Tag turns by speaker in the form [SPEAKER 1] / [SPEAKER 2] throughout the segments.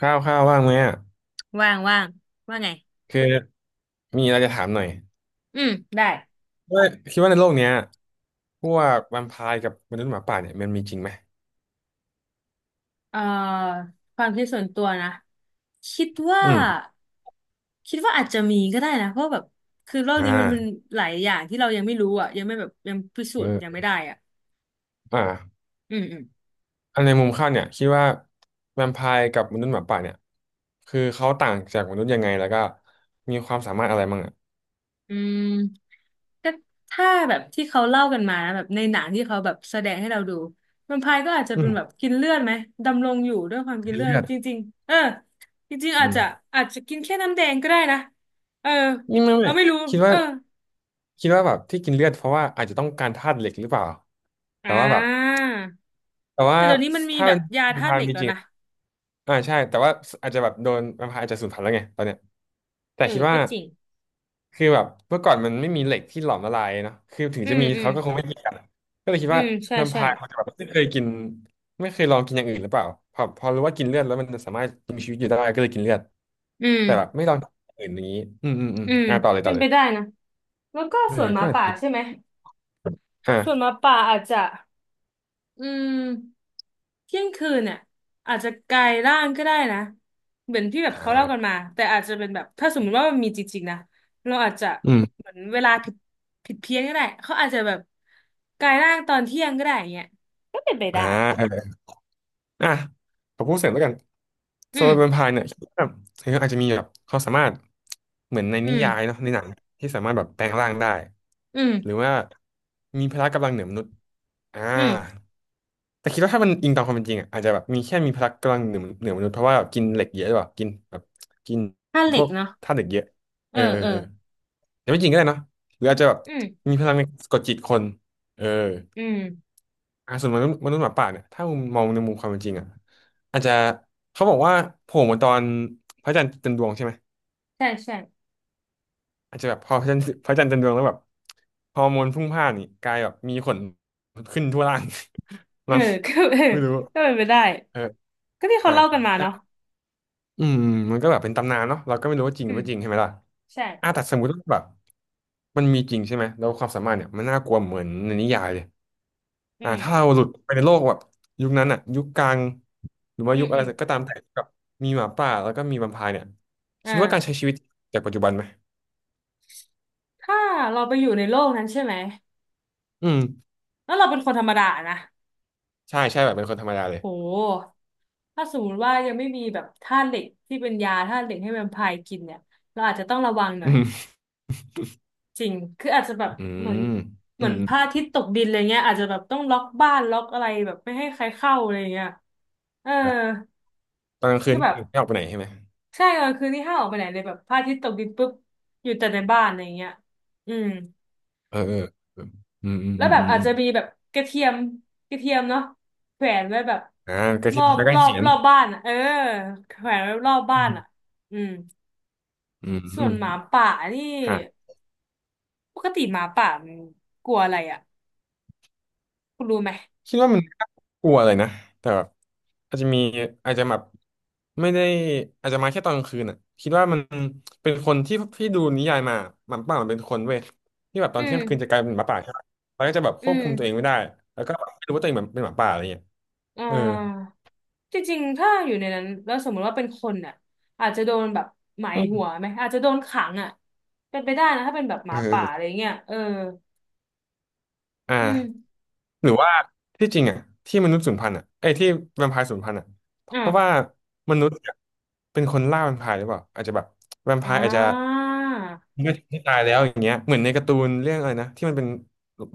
[SPEAKER 1] ข้าวข้าวว่างไหมอ่ะ
[SPEAKER 2] ว่างว่างว่าไง
[SPEAKER 1] คือมีอะไรจะถามหน่อย
[SPEAKER 2] อืมได้
[SPEAKER 1] ว่าคิดว่าในโลกเนี้ยพวกแวมไพร์กับมนุษย์หมาป่าเนี่ยมันมีจริงไหม
[SPEAKER 2] เอ่อความคิดส่วนตัวนะคิดว่า
[SPEAKER 1] อืม
[SPEAKER 2] คิดว่าอาจจะมีก็ได้นะเพราะแบบคือโลก
[SPEAKER 1] อ่า
[SPEAKER 2] นี้มันเป็นหลายอย่างที่เรายังไม่รู้อ่ะยังไม่แบบยังพิสูจน์ยัง
[SPEAKER 1] เออ
[SPEAKER 2] ไม่ได้อ่ะ
[SPEAKER 1] อ่า
[SPEAKER 2] อืมอืม
[SPEAKER 1] อันในมุมข้าวเนี่ยคิดว่าแวมไพร์กับมนุษย์หมาป่าเนี่ยคือเขาต่างจากมนุษย์ยังไงแล้วก็มีความสามารถอะไรบ้างอ่ะ
[SPEAKER 2] อืมก็ถ้าแบบที่เขาเล่ากันมานะแบบในหนังที่เขาแบบแสดงให้เราดูแวมไพร์ก็อาจจะ
[SPEAKER 1] อื
[SPEAKER 2] เป็
[SPEAKER 1] ม
[SPEAKER 2] นแบบกินเลือดไหมดำรงอยู่ด้วยความกิน
[SPEAKER 1] กิน
[SPEAKER 2] เลือ
[SPEAKER 1] เลื
[SPEAKER 2] ด
[SPEAKER 1] อด
[SPEAKER 2] จริงๆเออจริงๆ
[SPEAKER 1] อื
[SPEAKER 2] อาจจะ
[SPEAKER 1] ม
[SPEAKER 2] กินแค่น้ำแดงก็ได้นะเออ
[SPEAKER 1] นี่ไม่
[SPEAKER 2] เรา
[SPEAKER 1] ไม่
[SPEAKER 2] ไม่รู้
[SPEAKER 1] คิด
[SPEAKER 2] เอ
[SPEAKER 1] ว่า
[SPEAKER 2] อ
[SPEAKER 1] คิดว่าแบบที่กินเลือดเพราะว่าอาจจะต้องการธาตุเหล็กหรือเปล่า
[SPEAKER 2] อ่
[SPEAKER 1] แต่ว่าแบบ
[SPEAKER 2] า
[SPEAKER 1] แต่ว่า
[SPEAKER 2] แต่เดี๋ยวนี้มันมี
[SPEAKER 1] ถ้า
[SPEAKER 2] แบ
[SPEAKER 1] เป็
[SPEAKER 2] บ
[SPEAKER 1] น
[SPEAKER 2] ยา
[SPEAKER 1] แวม
[SPEAKER 2] ธา
[SPEAKER 1] ไพ
[SPEAKER 2] ตุเห
[SPEAKER 1] ร์
[SPEAKER 2] ล็ก
[SPEAKER 1] มี
[SPEAKER 2] แล้
[SPEAKER 1] จ
[SPEAKER 2] ว
[SPEAKER 1] ริง
[SPEAKER 2] นะ
[SPEAKER 1] อ่าใช่แต่ว่าอาจจะแบบโดนมันอาจจะสูญพันธุ์แล้วไงตอนเนี้ยแต่
[SPEAKER 2] เอ
[SPEAKER 1] คิ
[SPEAKER 2] อ
[SPEAKER 1] ดว่า
[SPEAKER 2] ก็จริง
[SPEAKER 1] คือแบบเมื่อก่อนมันไม่มีเหล็กที่หลอมละลายเนาะคือถึง
[SPEAKER 2] อื
[SPEAKER 1] จะ
[SPEAKER 2] ม
[SPEAKER 1] มี
[SPEAKER 2] อืม
[SPEAKER 1] เขาก็คงไม่กินกันก็เลยคิด
[SPEAKER 2] อื
[SPEAKER 1] ว่า
[SPEAKER 2] มใช่
[SPEAKER 1] แวมไพ
[SPEAKER 2] ใช่
[SPEAKER 1] ร์เขาจะแบบไม่เคยกินไม่เคยลองกินอย่างอื่นหรือเปล่าพอรู้ว่ากินเลือดแล้วมันสามารถมีชีวิตอยู่ได้ก็เลยกินเลือด
[SPEAKER 2] อืม
[SPEAKER 1] แต่แบบไม่ลองกินอย่างอื่นอย่างนี้อืมอืมอืม
[SPEAKER 2] อืม
[SPEAKER 1] อ่าต่อเลย
[SPEAKER 2] เป็
[SPEAKER 1] ต่อ
[SPEAKER 2] น
[SPEAKER 1] เล
[SPEAKER 2] ไป
[SPEAKER 1] ย
[SPEAKER 2] ได้นะแล้วก็
[SPEAKER 1] เออ
[SPEAKER 2] ส่วนห
[SPEAKER 1] ก็
[SPEAKER 2] มา
[SPEAKER 1] อาจ
[SPEAKER 2] ป่า
[SPEAKER 1] จะ
[SPEAKER 2] ใช่ไหมส่วนห
[SPEAKER 1] อ่า
[SPEAKER 2] มาป่าอาจจะอืมเที่ยงคืนเนี่ยอาจจะกลายร่างก็ได้นะเหมือนที่แบบ
[SPEAKER 1] อ่
[SPEAKER 2] เขาเล่ากัน
[SPEAKER 1] า
[SPEAKER 2] มาแต่อาจจะเป็นแบบถ้าสมมติว่ามันมีจริงๆนะเราอาจจะ
[SPEAKER 1] อืม
[SPEAKER 2] เหมือนเวลาผิดเพี้ยนก็ได้เขาอาจจะแบบกลายร่างตอนเที่ยงก็ได้อย่างเงี้ยก็เป็นไป
[SPEAKER 1] อ่
[SPEAKER 2] ได้
[SPEAKER 1] า อ่ะขอพูดเสริมแล้วกัน
[SPEAKER 2] อื
[SPEAKER 1] โซ
[SPEAKER 2] ม
[SPEAKER 1] โลแวมไพร์เนี่ยคิดว่าเธออาจจะมีแบบเขามสามารถเหมือนใน
[SPEAKER 2] อื
[SPEAKER 1] นิยาย
[SPEAKER 2] ม
[SPEAKER 1] เนาะในหนังที่สามารถแบบแปลงร่างได้
[SPEAKER 2] อื
[SPEAKER 1] หรื
[SPEAKER 2] ม
[SPEAKER 1] อว่ามีพละกำลังเหนือมนุษย์อ่า
[SPEAKER 2] อืม
[SPEAKER 1] แต่คิดว่าถ้ามันอิงตามความเป็นจริงอ่ะอาจจะแบบมีแค่มีพละกำลังเหนือมนุษย์เพราะว่าแบบกินเหล็กเยอะหรือเปล่ากินแบบกิน
[SPEAKER 2] ผ้าเห
[SPEAKER 1] พ
[SPEAKER 2] ล็ก
[SPEAKER 1] วก
[SPEAKER 2] เนาะ
[SPEAKER 1] ธาตุเหล็กเยอะ
[SPEAKER 2] เอ
[SPEAKER 1] เอ
[SPEAKER 2] อ
[SPEAKER 1] อเออ
[SPEAKER 2] เออ
[SPEAKER 1] เออแต่ไม่จริงก็ได้เนาะหรืออาจจะแบบ
[SPEAKER 2] อืม
[SPEAKER 1] มีพลังในกากดจิตคนเออ
[SPEAKER 2] อืม
[SPEAKER 1] อ่ะส่วนมนุษย์หมาป่าเนี่ยถ้ามุมมองในมุมความเป็นจริงอ่ะอาจจะเขาบอกว่าโผล่มาตอนพระจันทร์เต็มดวงใช่ไหม
[SPEAKER 2] ใช่ใช่
[SPEAKER 1] อาจจะแบบพอพระจันทร์เต็มดวงแล้วแบบฮอร์โมนพรุ่งพล่านนี่กลายแบบมีขนขึ้นทั่วร่าง
[SPEAKER 2] เอ อ
[SPEAKER 1] มั้ง
[SPEAKER 2] ก็เออ
[SPEAKER 1] ไม่รู้
[SPEAKER 2] ก็เป็นไปได้
[SPEAKER 1] เออ
[SPEAKER 2] ก็ที่เขา
[SPEAKER 1] อ่ะ
[SPEAKER 2] เล่ากันมา
[SPEAKER 1] แต่
[SPEAKER 2] เนาะ
[SPEAKER 1] อืมมันก็แบบเป็นตำนานเนาะเราก็ไม่รู้ว่าจริงห
[SPEAKER 2] อื
[SPEAKER 1] รือ
[SPEAKER 2] ม
[SPEAKER 1] ไม่จริงใช่ไหมล่ะ
[SPEAKER 2] ใช่
[SPEAKER 1] อ่ะแต่สมมติว่าแบบมันมีจริงใช่ไหมแล้วความสามารถเนี่ยมันน่ากลัวเหมือนในนิยายเลย
[SPEAKER 2] อื
[SPEAKER 1] อ่าถ้า
[SPEAKER 2] ม
[SPEAKER 1] เราหลุดไปในโลกแบบยุคนั้นอ่ะยุคกลางหรือว่า
[SPEAKER 2] อื
[SPEAKER 1] ยุ
[SPEAKER 2] ม
[SPEAKER 1] คอะ
[SPEAKER 2] อื
[SPEAKER 1] ไร
[SPEAKER 2] ม
[SPEAKER 1] ก็ตามแต่กับมีหมาป่าแล้วก็มีแวมไพร์เนี่ยคิดว่าการใช้
[SPEAKER 2] อ่า
[SPEAKER 1] ชีวิตจากปัจจุบันไหม
[SPEAKER 2] ถ้าเราไปอยู่ในโลกนั้นใช่ไหม
[SPEAKER 1] อืม
[SPEAKER 2] แล้วเราเป็นคนธรรมดานะ
[SPEAKER 1] ใช่ใช่แบบเป็นคนธรรมดาเลย
[SPEAKER 2] โหถ้าสมมติว่ายังไม่มีแบบธาตุเหล็กที่เป็นยาธาตุเหล็กให้แวมไพร์กินเนี่ยเราอาจจะต้องระวังหน่
[SPEAKER 1] อื
[SPEAKER 2] อย
[SPEAKER 1] ม
[SPEAKER 2] จริงคืออาจจะแบบ
[SPEAKER 1] อื
[SPEAKER 2] เหมือน
[SPEAKER 1] ม
[SPEAKER 2] เห
[SPEAKER 1] อื
[SPEAKER 2] มือ
[SPEAKER 1] ม
[SPEAKER 2] น
[SPEAKER 1] อื
[SPEAKER 2] พระ
[SPEAKER 1] ม
[SPEAKER 2] อาทิตย์ตกดินอะไรเงี้ยอาจจะแบบต้องล็อกบ้านล็อกอะไรแบบไม่ให้ใครเข้าอะไรเงี้ยเออ
[SPEAKER 1] ครับตอนกลางคื
[SPEAKER 2] คื
[SPEAKER 1] น
[SPEAKER 2] อแบบ
[SPEAKER 1] นี่ไม่ออกไปไหนใช่ไหม
[SPEAKER 2] ใช่กลางคืนนี่ห้ามออกไปไหนเลยแบบพระอาทิตย์ตกดินปุ๊บอยู่แต่ในบ้านอะไรอย่างเงี้ยอืม
[SPEAKER 1] เออเออเอออืมอืม
[SPEAKER 2] แล้ว
[SPEAKER 1] อืม
[SPEAKER 2] แบบ
[SPEAKER 1] อืม
[SPEAKER 2] อา
[SPEAKER 1] อ
[SPEAKER 2] จ
[SPEAKER 1] ม
[SPEAKER 2] จะมีแบบกระเทียมกระเทียมเนาะแขวนไว้แบบ
[SPEAKER 1] อ่าก็
[SPEAKER 2] ร
[SPEAKER 1] ที่
[SPEAKER 2] อบ
[SPEAKER 1] แล้วก็
[SPEAKER 2] รอบ
[SPEAKER 1] เขียน
[SPEAKER 2] รอบบ้านอ่ะเออแขวนไว้รอบ
[SPEAKER 1] อื
[SPEAKER 2] บ้าน
[SPEAKER 1] ม
[SPEAKER 2] อ่ะอืม
[SPEAKER 1] อื
[SPEAKER 2] ส่วนหมา
[SPEAKER 1] ม
[SPEAKER 2] ป่านี่
[SPEAKER 1] อ่า
[SPEAKER 2] ปกติหมาป่ามันกลัวอะไรอ่ะคุณรู้ไหม
[SPEAKER 1] คิดว่ามันน่ากลัวเลยนะแต่แบบอาจจะมีอาจจะแบบไม่ได้อาจจะมาแค่ตอนกลางคืนอ่ะคิดว่ามันเป็นคนที่ดูนิยายมาหมาป่ามันเป็นคนเว้ยที่แบบตอ
[SPEAKER 2] อื
[SPEAKER 1] นเที่ยงคืนจะก
[SPEAKER 2] ม
[SPEAKER 1] ลายเป็นหมาป่าใช่ไหมมันก็จะแบบค
[SPEAKER 2] อื
[SPEAKER 1] วบ
[SPEAKER 2] ม
[SPEAKER 1] คุมตัวเองไม่ได้แล้วก็แบบไม่รู้ว่าตัวเองแบบเป็นหมาป่าอะไรเงี้ย
[SPEAKER 2] อ่
[SPEAKER 1] เออ
[SPEAKER 2] าจริงๆถ้าอยู่ในนั้นแล้วสมมติว่าเป็นคนอ่ะอาจจะโดนแบบหมาย
[SPEAKER 1] อื
[SPEAKER 2] หัว
[SPEAKER 1] ม
[SPEAKER 2] ไหมอาจจะโดนขังอ่ะเป็นไปได้นะถ้าเป็นแบบห
[SPEAKER 1] เ
[SPEAKER 2] มาป่าอะไร
[SPEAKER 1] ออ
[SPEAKER 2] เงี้ยเออ
[SPEAKER 1] อ่า
[SPEAKER 2] อืม
[SPEAKER 1] หรือว่าที่จริงอ่ะที่มนุษย์สูญพันธุ์อ่ะไอ้ยที่แวมไพร์สูญพันธุ์อ่ะเพราะว่า
[SPEAKER 2] อ่า
[SPEAKER 1] มนุษย์เนี่ยเป็นคนล่าแวมไพร์หรือเปล่าอาจจะแบบแวมไพ
[SPEAKER 2] อ่
[SPEAKER 1] ร์อาจจะ
[SPEAKER 2] า
[SPEAKER 1] ไม่ตายแล้วอย่างเงี้ยเหมือนในการ์ตูนเรื่องอะไรนะที่มันเป็น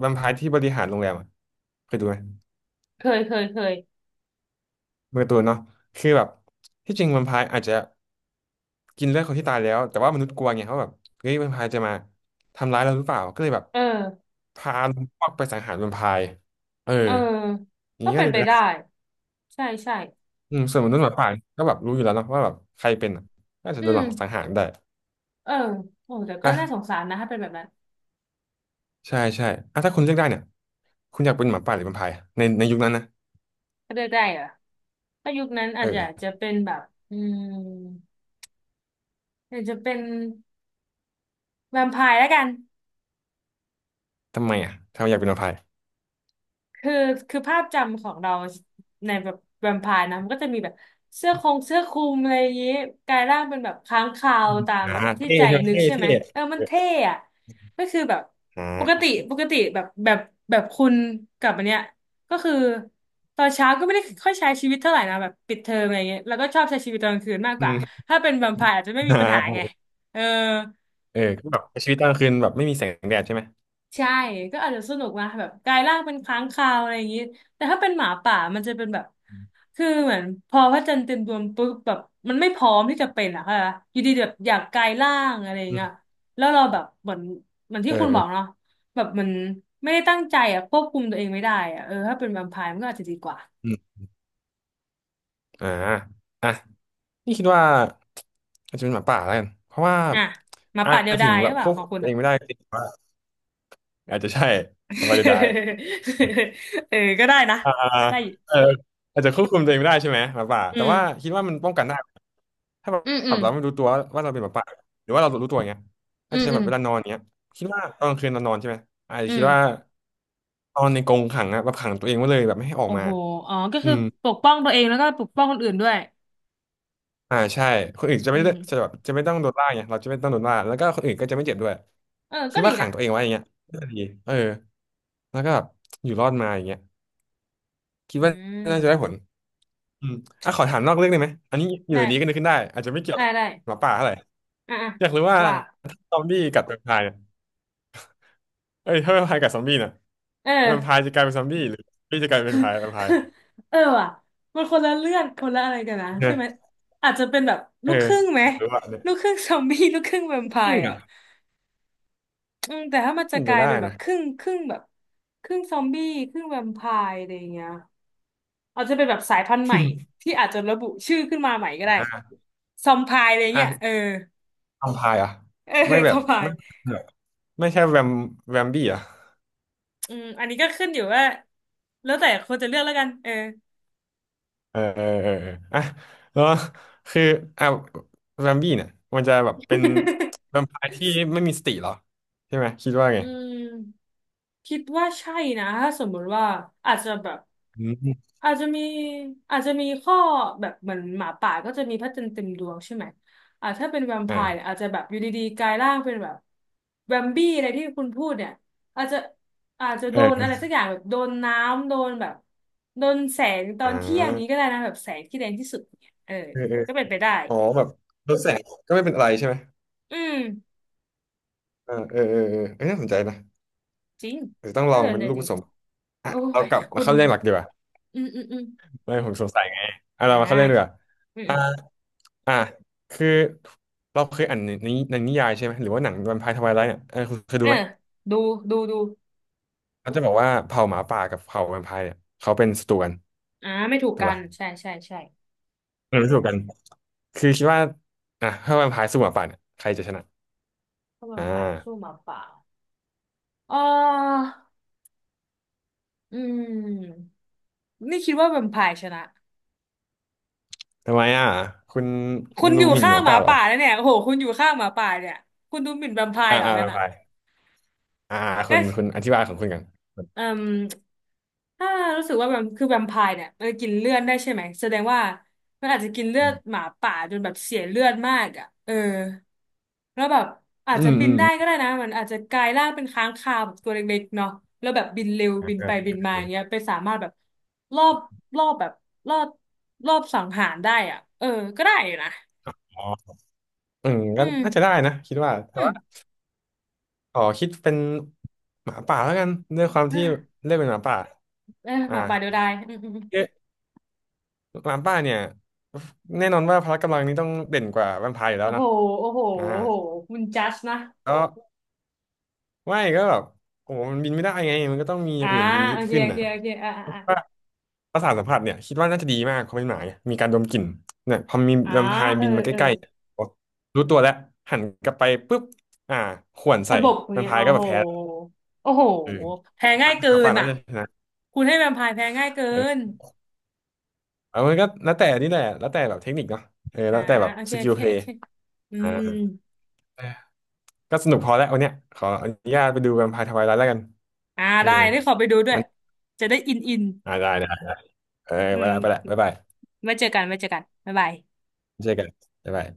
[SPEAKER 1] แวมไพร์ที่บริหารโรงแรมอะเคยดูไหม
[SPEAKER 2] เคยเคยเคย
[SPEAKER 1] เป็นการ์ตูนเนาะคือแบบที่จริงแวมไพร์อาจจะกินเลือดคนที่ตายแล้วแต่ว่ามนุษย์กลัวไงเขาะแบบเฮ้ยแวมไพร์จะมาทำร้ายเราหรือเปล่าก็เลยแบบ
[SPEAKER 2] เออ
[SPEAKER 1] พาพวกไปสังหารแวมไพร์เออ
[SPEAKER 2] เออ
[SPEAKER 1] อย่าง
[SPEAKER 2] ก็
[SPEAKER 1] นี้ก็
[SPEAKER 2] เป็น
[SPEAKER 1] เป็น
[SPEAKER 2] ไป
[SPEAKER 1] ไป
[SPEAKER 2] ได้
[SPEAKER 1] ได้
[SPEAKER 2] ใช่ใช่
[SPEAKER 1] อืมส่วนมนุษย์หมาป่าก็แบบรู้อยู่แล้วเนอะว่าแบบใครเป็นอะน่าจะ
[SPEAKER 2] อื
[SPEAKER 1] โดนห
[SPEAKER 2] ม
[SPEAKER 1] ลอกสังหารได้
[SPEAKER 2] เออโอ้แต่ก็น่าสง
[SPEAKER 1] อ่ะ
[SPEAKER 2] สารนะถ้าเป็นแบบนั้น
[SPEAKER 1] ใช่ใช่อ่ะถ้าคุณเลือกได้เนี่ยคุณอยากเป็นหมาป่าหรือแวมไพร์ในยุคนั้นนะ
[SPEAKER 2] ถ้าเลือกได้เหรอถ้ายุคนั้นอา
[SPEAKER 1] เอ
[SPEAKER 2] จจะอาจจะ
[SPEAKER 1] อ
[SPEAKER 2] เป็นแบบอืมอาจจะเป็นแวมไพร์แล้วกัน
[SPEAKER 1] ทำไมอ่ะทำไมอยากเป็นแวมไพร์
[SPEAKER 2] คือคือภาพจำของเราในแบบแวมไพร์นะมันก็จะมีแบบเสื้อคงเสื้อคลุมอะไรอย่างนี้กลายร่างเป็นแบบค้างคาว
[SPEAKER 1] อืม
[SPEAKER 2] ตาม
[SPEAKER 1] อ่า
[SPEAKER 2] แบบที่
[SPEAKER 1] เท่
[SPEAKER 2] ใจ
[SPEAKER 1] ใช่ไหม
[SPEAKER 2] นึก
[SPEAKER 1] เท่
[SPEAKER 2] ใช่ไหม
[SPEAKER 1] เท่
[SPEAKER 2] เออมั
[SPEAKER 1] เอ
[SPEAKER 2] นเท่
[SPEAKER 1] อ
[SPEAKER 2] อะก็คือแบบ
[SPEAKER 1] อ่
[SPEAKER 2] ปก
[SPEAKER 1] า
[SPEAKER 2] ติปกติแบบแบบคุณกับอันเนี้ยก็คือตอนเช้าก็ไม่ได้ค่อยใช้ชีวิตเท่าไหร่นะแบบปิดเทอมอะไรเงี้ยแล้วก็ชอบใช้ชีวิตตอนกลางคืนมากก
[SPEAKER 1] อื
[SPEAKER 2] ว่า
[SPEAKER 1] ม
[SPEAKER 2] ถ้าเป็นแวมไพร์อาจจะไม่ มี
[SPEAKER 1] อ่า
[SPEAKER 2] ปัญหาไงเออ
[SPEAKER 1] เออก็แบบชีวิตตอนกลางคืนแบบไม่มีแสงแดดใช่ไหม
[SPEAKER 2] ใช่ก็อาจจะสนุกนะแบบกลายร่างเป็นค้างคาวอะไรอย่างนี้แต่ถ้าเป็นหมาป่ามันจะเป็นแบบ
[SPEAKER 1] อืม
[SPEAKER 2] คือเหมือนพอพระจันทร์เต็มดวงปุ๊บแบบมันไม่พร้อมที่จะเป็นอะค่ะปะอยู่ดีแบบอยากกลายร่างอะไรอย่าง
[SPEAKER 1] อื
[SPEAKER 2] เงี้ย
[SPEAKER 1] ม
[SPEAKER 2] แล้วเราแบบเหมือนที่
[SPEAKER 1] เออ
[SPEAKER 2] คุณ
[SPEAKER 1] เอ
[SPEAKER 2] บ
[SPEAKER 1] อ
[SPEAKER 2] อกเนาะแบบมันไม่ได้ตั้งใจอะควบคุมตัวเองไม่ได้อะเออถ้าเป็นแวมไพร์มันก็อาจจะดีกว่า
[SPEAKER 1] อืมอ่าอ่ะนี่คิดว่าอาจจะเป็นหมาป่าแล้วกันเพราะว่า
[SPEAKER 2] อ่ะหมา
[SPEAKER 1] อาจ
[SPEAKER 2] ป่าเดีย
[SPEAKER 1] จะ
[SPEAKER 2] ว
[SPEAKER 1] ถึ
[SPEAKER 2] ดา
[SPEAKER 1] ง
[SPEAKER 2] ยห
[SPEAKER 1] แบ
[SPEAKER 2] รื
[SPEAKER 1] บ
[SPEAKER 2] อเป
[SPEAKER 1] ค
[SPEAKER 2] ล่า
[SPEAKER 1] วบ
[SPEAKER 2] ของ
[SPEAKER 1] คุม
[SPEAKER 2] คุณ
[SPEAKER 1] ตัวเอ
[SPEAKER 2] อะ
[SPEAKER 1] งไม่ได้จริงว่าอาจจะใช่ไม่ได
[SPEAKER 2] เออก็ได้นะ
[SPEAKER 1] อ่า
[SPEAKER 2] ได้อยู่
[SPEAKER 1] เอออาจจะควบคุมตัวเองไม่ได้ใช่ไหมหมาป่า
[SPEAKER 2] อื
[SPEAKER 1] แต่
[SPEAKER 2] ม
[SPEAKER 1] ว่าคิดว่ามันป้องกันได้ถ้าแบ
[SPEAKER 2] อืมอืม
[SPEAKER 1] บเราไม่รู้ตัวว่าเราเป็นหมาป่าหรือว่าเรารู้ตัวอย่างเงี้ยอา
[SPEAKER 2] อื
[SPEAKER 1] จ
[SPEAKER 2] ม
[SPEAKER 1] จะ
[SPEAKER 2] อื
[SPEAKER 1] แบ
[SPEAKER 2] ม
[SPEAKER 1] บเวลานอนเงี้ยคิดว่าตอนกลางคืนเรานอนใช่ไหมอาจจะ
[SPEAKER 2] อื
[SPEAKER 1] คิดว่า
[SPEAKER 2] ม
[SPEAKER 1] นอนในกรงขังอะแบบขังตัวเองไว้เลยแบบไม่ให้ออก
[SPEAKER 2] โอ้
[SPEAKER 1] มา
[SPEAKER 2] โหอ๋อก็
[SPEAKER 1] อื
[SPEAKER 2] คือ
[SPEAKER 1] ม
[SPEAKER 2] ปกป้องตัวเองแล้วก็ปกป้องคนอื่นด้วย
[SPEAKER 1] อ่าใช่คนอื่นจะ
[SPEAKER 2] อื
[SPEAKER 1] ไม่ได้
[SPEAKER 2] ม
[SPEAKER 1] จะแบบจะไม่ต้องโดนล่าไงเราจะไม่ต้องโดนล่าแล้วก็คนอื่นก็จะไม่เจ็บด้วย
[SPEAKER 2] เออ
[SPEAKER 1] คิ
[SPEAKER 2] ก็
[SPEAKER 1] ด
[SPEAKER 2] ดี
[SPEAKER 1] ว่าขั
[SPEAKER 2] นะ
[SPEAKER 1] งตัวเองไว้อย่างเงี้ยน่าจะดีเออแล้วก็แบบอยู่รอดมาอย่างเงี้ยคิด
[SPEAKER 2] อื
[SPEAKER 1] ว่าน่าจะได้
[SPEAKER 2] ม
[SPEAKER 1] ผล อืมอ่ะขอถามนอกเรื่องได้ไหมอันนี้อยู่
[SPEAKER 2] ได้
[SPEAKER 1] ดีก็นึกขึ้นได้อาจจะไม่เกี่ยว
[SPEAKER 2] ได้
[SPEAKER 1] กับ
[SPEAKER 2] ได้
[SPEAKER 1] หมาป่าเท่าไหร่
[SPEAKER 2] อ่ะอ่ะ
[SPEAKER 1] อยากรู้ว่า
[SPEAKER 2] ว่า
[SPEAKER 1] ซอมบี้กัดแวมไพร์เนี่ยเอ้ยถ้าแวมไพร์กัดซอมบี้เนี่ย
[SPEAKER 2] เอ
[SPEAKER 1] แวมไพร์
[SPEAKER 2] อ
[SPEAKER 1] จะกลายเป็นซอมบี้หรือซอมบี้จะกลายเป็นแวมไพร์แวมไพร์
[SPEAKER 2] เออว่ะมันคนละเรื่องคนละอะไรกันนะ
[SPEAKER 1] เนี่
[SPEAKER 2] ใช่
[SPEAKER 1] ย
[SPEAKER 2] ไหมอาจจะเป็นแบบ
[SPEAKER 1] เอ
[SPEAKER 2] ลู
[SPEAKER 1] อ
[SPEAKER 2] กครึ่งไหม
[SPEAKER 1] อยากรู้ว่าเนี่ย
[SPEAKER 2] ลูกครึ่งซอมบี้ ลูกครึ่งแวมไพ
[SPEAKER 1] ครึ่ง
[SPEAKER 2] ร์อ่ะ
[SPEAKER 1] อ่ะ
[SPEAKER 2] อืมแต่ถ้ามันจะ
[SPEAKER 1] มัน
[SPEAKER 2] ก
[SPEAKER 1] ไป
[SPEAKER 2] ลาย
[SPEAKER 1] ได้
[SPEAKER 2] เป็นแบบ
[SPEAKER 1] นะ
[SPEAKER 2] ครึ่งครึ่งแบบครึ่งซอมบี้ครึ่งแวมไพร์อะไรอย่างเงี้ยอาจจะเป็นแบบสายพันธุ์ใหม่ที่อาจจะระบุชื่อขึ้นมาใหม่ก็ได้
[SPEAKER 1] อ่ะ
[SPEAKER 2] ซอมไพร์อะไรเงี้ยเออ
[SPEAKER 1] อ่ะแวมไพร์เหรอ่ะ
[SPEAKER 2] เออ
[SPEAKER 1] ไม่แบ
[SPEAKER 2] ส
[SPEAKER 1] บ
[SPEAKER 2] บาย
[SPEAKER 1] ไม่แบบไม่ใช่แวมแวมบี้เหรอ่ะ
[SPEAKER 2] อืมอันนี้ก็ขึ้นอยู่ว่าแล้วแต่คนจะเลือกแล้วกันเออ
[SPEAKER 1] เออเออเออเอออ่ะแล้วคืออ่ะแวมบี้เนี่ยมันจะแบบเป็นแวมไพร์ที่ไม่มีสติเหรอใช่ไหมคิดว่า ไง
[SPEAKER 2] อืมคิดว่าใช่นะถ้าสมมุติว่าอาจจะแบบ
[SPEAKER 1] อืม
[SPEAKER 2] อาจจะมีอาจจะมีข้อแบบเหมือนหมาป่าก็จะมีพระจันทร์เต็มดวงใช่ไหมอ่าถ้าเป็นแวมไพร์เนี่ย
[SPEAKER 1] อ่า
[SPEAKER 2] อาจจะแบบอยู่ดีๆกลายร่างเป็นแบบแวมบี้อะไรที่คุณพูดเนี่ยอาจจะอาจจะ
[SPEAKER 1] เอ
[SPEAKER 2] โด
[SPEAKER 1] อ
[SPEAKER 2] น
[SPEAKER 1] เอ
[SPEAKER 2] อะ
[SPEAKER 1] อ
[SPEAKER 2] ไรสักอย่างแบบโดนน้ำโดนแบบโดนแสงตอนเที่ยงอย่า
[SPEAKER 1] อ่า
[SPEAKER 2] งนี้ก็ได้นะแบบแสงที่แรงที่สุดเนี่ยเออ
[SPEAKER 1] เออเออ
[SPEAKER 2] ก็เป็นไปได้
[SPEAKER 1] อ๋อแบบลดแสงก็ไม่เป็นอะไรใช่ไหม
[SPEAKER 2] อืม
[SPEAKER 1] เอ้ยน่าสนใจนะ
[SPEAKER 2] จริง
[SPEAKER 1] เดี๋ยวต้องลอ
[SPEAKER 2] น่า
[SPEAKER 1] ง
[SPEAKER 2] สน
[SPEAKER 1] เป็น
[SPEAKER 2] ใจ
[SPEAKER 1] ลูก
[SPEAKER 2] จ
[SPEAKER 1] ผ
[SPEAKER 2] ริง
[SPEAKER 1] สมอ่ะ
[SPEAKER 2] โอ้
[SPEAKER 1] เรา
[SPEAKER 2] ย
[SPEAKER 1] กลับ
[SPEAKER 2] คุ
[SPEAKER 1] มา
[SPEAKER 2] ณ
[SPEAKER 1] เข้าเรื่องหลักดีกว่า
[SPEAKER 2] อืมอืมอืม
[SPEAKER 1] ไม่ผมสงสัยไงอ่ะ
[SPEAKER 2] อ่
[SPEAKER 1] เรามาเข้าเรื่องดีกว่า
[SPEAKER 2] าอืม
[SPEAKER 1] อ่า
[SPEAKER 2] อืม
[SPEAKER 1] อ่าคือเราเคยอ่านในนิยายใช่ไหมหรือว่าหนังแวมไพร์ทไวไลท์เนี่ยเออคุณเคย
[SPEAKER 2] เอ
[SPEAKER 1] ดู
[SPEAKER 2] อ
[SPEAKER 1] ไหม
[SPEAKER 2] ดูดูดู
[SPEAKER 1] เขาจะบอกว่าเผ่าหมาป่ากับเผ่าแวมไพร์เนี่ยเขาเป็นศัตรูกัน
[SPEAKER 2] ไม่ถูก
[SPEAKER 1] ถูก
[SPEAKER 2] กัน
[SPEAKER 1] ป่ะ
[SPEAKER 2] ใช่ใช่ใช่
[SPEAKER 1] เป็นศัตรูกันคือคิดว่าอ่ะถ้าแวมไพร์สู้หมาป่าเนี่ยใครจะชนะ
[SPEAKER 2] ถ้าแว
[SPEAKER 1] อ่
[SPEAKER 2] มไพร์สู้
[SPEAKER 1] า
[SPEAKER 2] หมาป่าเอออืมนี่คิดว่าแวมไพร์ชนะ
[SPEAKER 1] ทำไมอ่ะคุณ
[SPEAKER 2] คุณอ
[SPEAKER 1] รู้
[SPEAKER 2] ยู่
[SPEAKER 1] หมิ่น
[SPEAKER 2] ข้า
[SPEAKER 1] ห
[SPEAKER 2] ง
[SPEAKER 1] มา
[SPEAKER 2] หมา
[SPEAKER 1] ป่าเหรอ
[SPEAKER 2] ป่าแล้วเนี่ยโอ้โหคุณอยู่ข้างหมาป่าเนี่ยคุณดูหมิ่นแวมไพร์
[SPEAKER 1] อ่า
[SPEAKER 2] เหรอ
[SPEAKER 1] อ่า
[SPEAKER 2] งั้
[SPEAKER 1] ไป
[SPEAKER 2] นอ่ะ
[SPEAKER 1] ไปอ่าอ่าคุณอธิบายของคุณกัน
[SPEAKER 2] เอ่มถ้ารู้สึกว่าแบบคือแวมไพร์เนี่ยมันจะกินเลือดได้ใช่ไหมแสดงว่ามันอาจจะกินเลือดหมาป่าจนแบบเสียเลือดมากอ่ะเออแล้วแบบอาจ
[SPEAKER 1] อื
[SPEAKER 2] จะ
[SPEAKER 1] ม
[SPEAKER 2] บิ
[SPEAKER 1] อื
[SPEAKER 2] น
[SPEAKER 1] ม
[SPEAKER 2] ได้ก็ได้นะมันอาจจะกลายร่างเป็นค้างคาวแบบตัวเล็กๆเนาะแล้วแบบบินเร็ว
[SPEAKER 1] ่า
[SPEAKER 2] บินไป
[SPEAKER 1] อ่า
[SPEAKER 2] บินมาอย่างเงี้ยไปสามารถแบบรอบรอบแบบรอบรอบสังหารได้อ่ะเออก็ได้อยู่นะ
[SPEAKER 1] อ๋ออืม
[SPEAKER 2] อื
[SPEAKER 1] ก็
[SPEAKER 2] ม
[SPEAKER 1] น่าจะได้นะคิดว่าแต่
[SPEAKER 2] อืม
[SPEAKER 1] ว่าขอคิดเป็นหมาป่าแล้วกันด้วยความที่ เลือกเป็นหมาป่า
[SPEAKER 2] เอยห
[SPEAKER 1] อ่า
[SPEAKER 2] มาป่าเดียวดายอืมอืมอืม
[SPEAKER 1] เอ๊ะหมาป่าเนี่ยแน่นอนว่าพละกำลังนี้ต้องเด่นกว่าแวมไพร์อยู่แล้
[SPEAKER 2] โอ้
[SPEAKER 1] ว
[SPEAKER 2] โห
[SPEAKER 1] เนาะ
[SPEAKER 2] โอ้โห
[SPEAKER 1] อ่า
[SPEAKER 2] โอ้โหคุณจัสนะ
[SPEAKER 1] ก็ไม่ก็แบบโอ้โหมันบินไม่ได้ไงมันก็ต้องมีอ
[SPEAKER 2] อ่า
[SPEAKER 1] ย่างอื่นดี
[SPEAKER 2] โอเค
[SPEAKER 1] ขึ้น
[SPEAKER 2] โอเค
[SPEAKER 1] น่ะ
[SPEAKER 2] โอเคอ่าอ่า
[SPEAKER 1] ประสาทสัมผัสเนี่ยคิดว่าน่าจะดีมากเขาะเป็นหมาไงมีการดมกลิ่นเนี่ยพอมี
[SPEAKER 2] อ่า
[SPEAKER 1] แวมไพร์
[SPEAKER 2] อ่าเออ
[SPEAKER 1] บินมาใก
[SPEAKER 2] เออ
[SPEAKER 1] ล้ๆเนี่ยโอ๊ะรู้ตัวแล้วหันกลับไปปุ๊บอ่าข่วนใส่
[SPEAKER 2] ตะบก
[SPEAKER 1] แวม
[SPEAKER 2] เนี่ย
[SPEAKER 1] ไพ
[SPEAKER 2] โอ้
[SPEAKER 1] ร์ก็แบ
[SPEAKER 2] โห
[SPEAKER 1] บแพ้
[SPEAKER 2] โอ้โห
[SPEAKER 1] เออ
[SPEAKER 2] แพ้ง่ายเกิ
[SPEAKER 1] ขา
[SPEAKER 2] น
[SPEAKER 1] ป่าน่า
[SPEAKER 2] อ่ะ
[SPEAKER 1] จะชนะ
[SPEAKER 2] คุณให้แวมไพร์แพ้ง่ายเกิ
[SPEAKER 1] เอ
[SPEAKER 2] น
[SPEAKER 1] อเอามันก็แล้วแต่นี่แหละแล้วแต่แบบเทคนิคเนาะเออ
[SPEAKER 2] อ่า
[SPEAKER 1] แล้วแต่แบบ
[SPEAKER 2] โอเค
[SPEAKER 1] ส
[SPEAKER 2] โอ
[SPEAKER 1] กิล
[SPEAKER 2] เค
[SPEAKER 1] เพล
[SPEAKER 2] โอ
[SPEAKER 1] ย์
[SPEAKER 2] เคอื
[SPEAKER 1] อ่า
[SPEAKER 2] ม
[SPEAKER 1] เออก็สนุกพอแล้ววันเนี้ยขออนุญาตไปดูแวมไพร์ทวายไลท์แล้วกัน
[SPEAKER 2] อ่า
[SPEAKER 1] เออ
[SPEAKER 2] ได้ได้ขอไปดูด้ว
[SPEAKER 1] มั
[SPEAKER 2] ย
[SPEAKER 1] น
[SPEAKER 2] จะได้อินอิน
[SPEAKER 1] อ่าได้ได้เออ
[SPEAKER 2] อื
[SPEAKER 1] ไป
[SPEAKER 2] ม
[SPEAKER 1] ละไปละบ๊ายบาย
[SPEAKER 2] ไว้เจอกันไว้เจอกันบ๊ายบาย
[SPEAKER 1] เจอกันบ๊ายบาย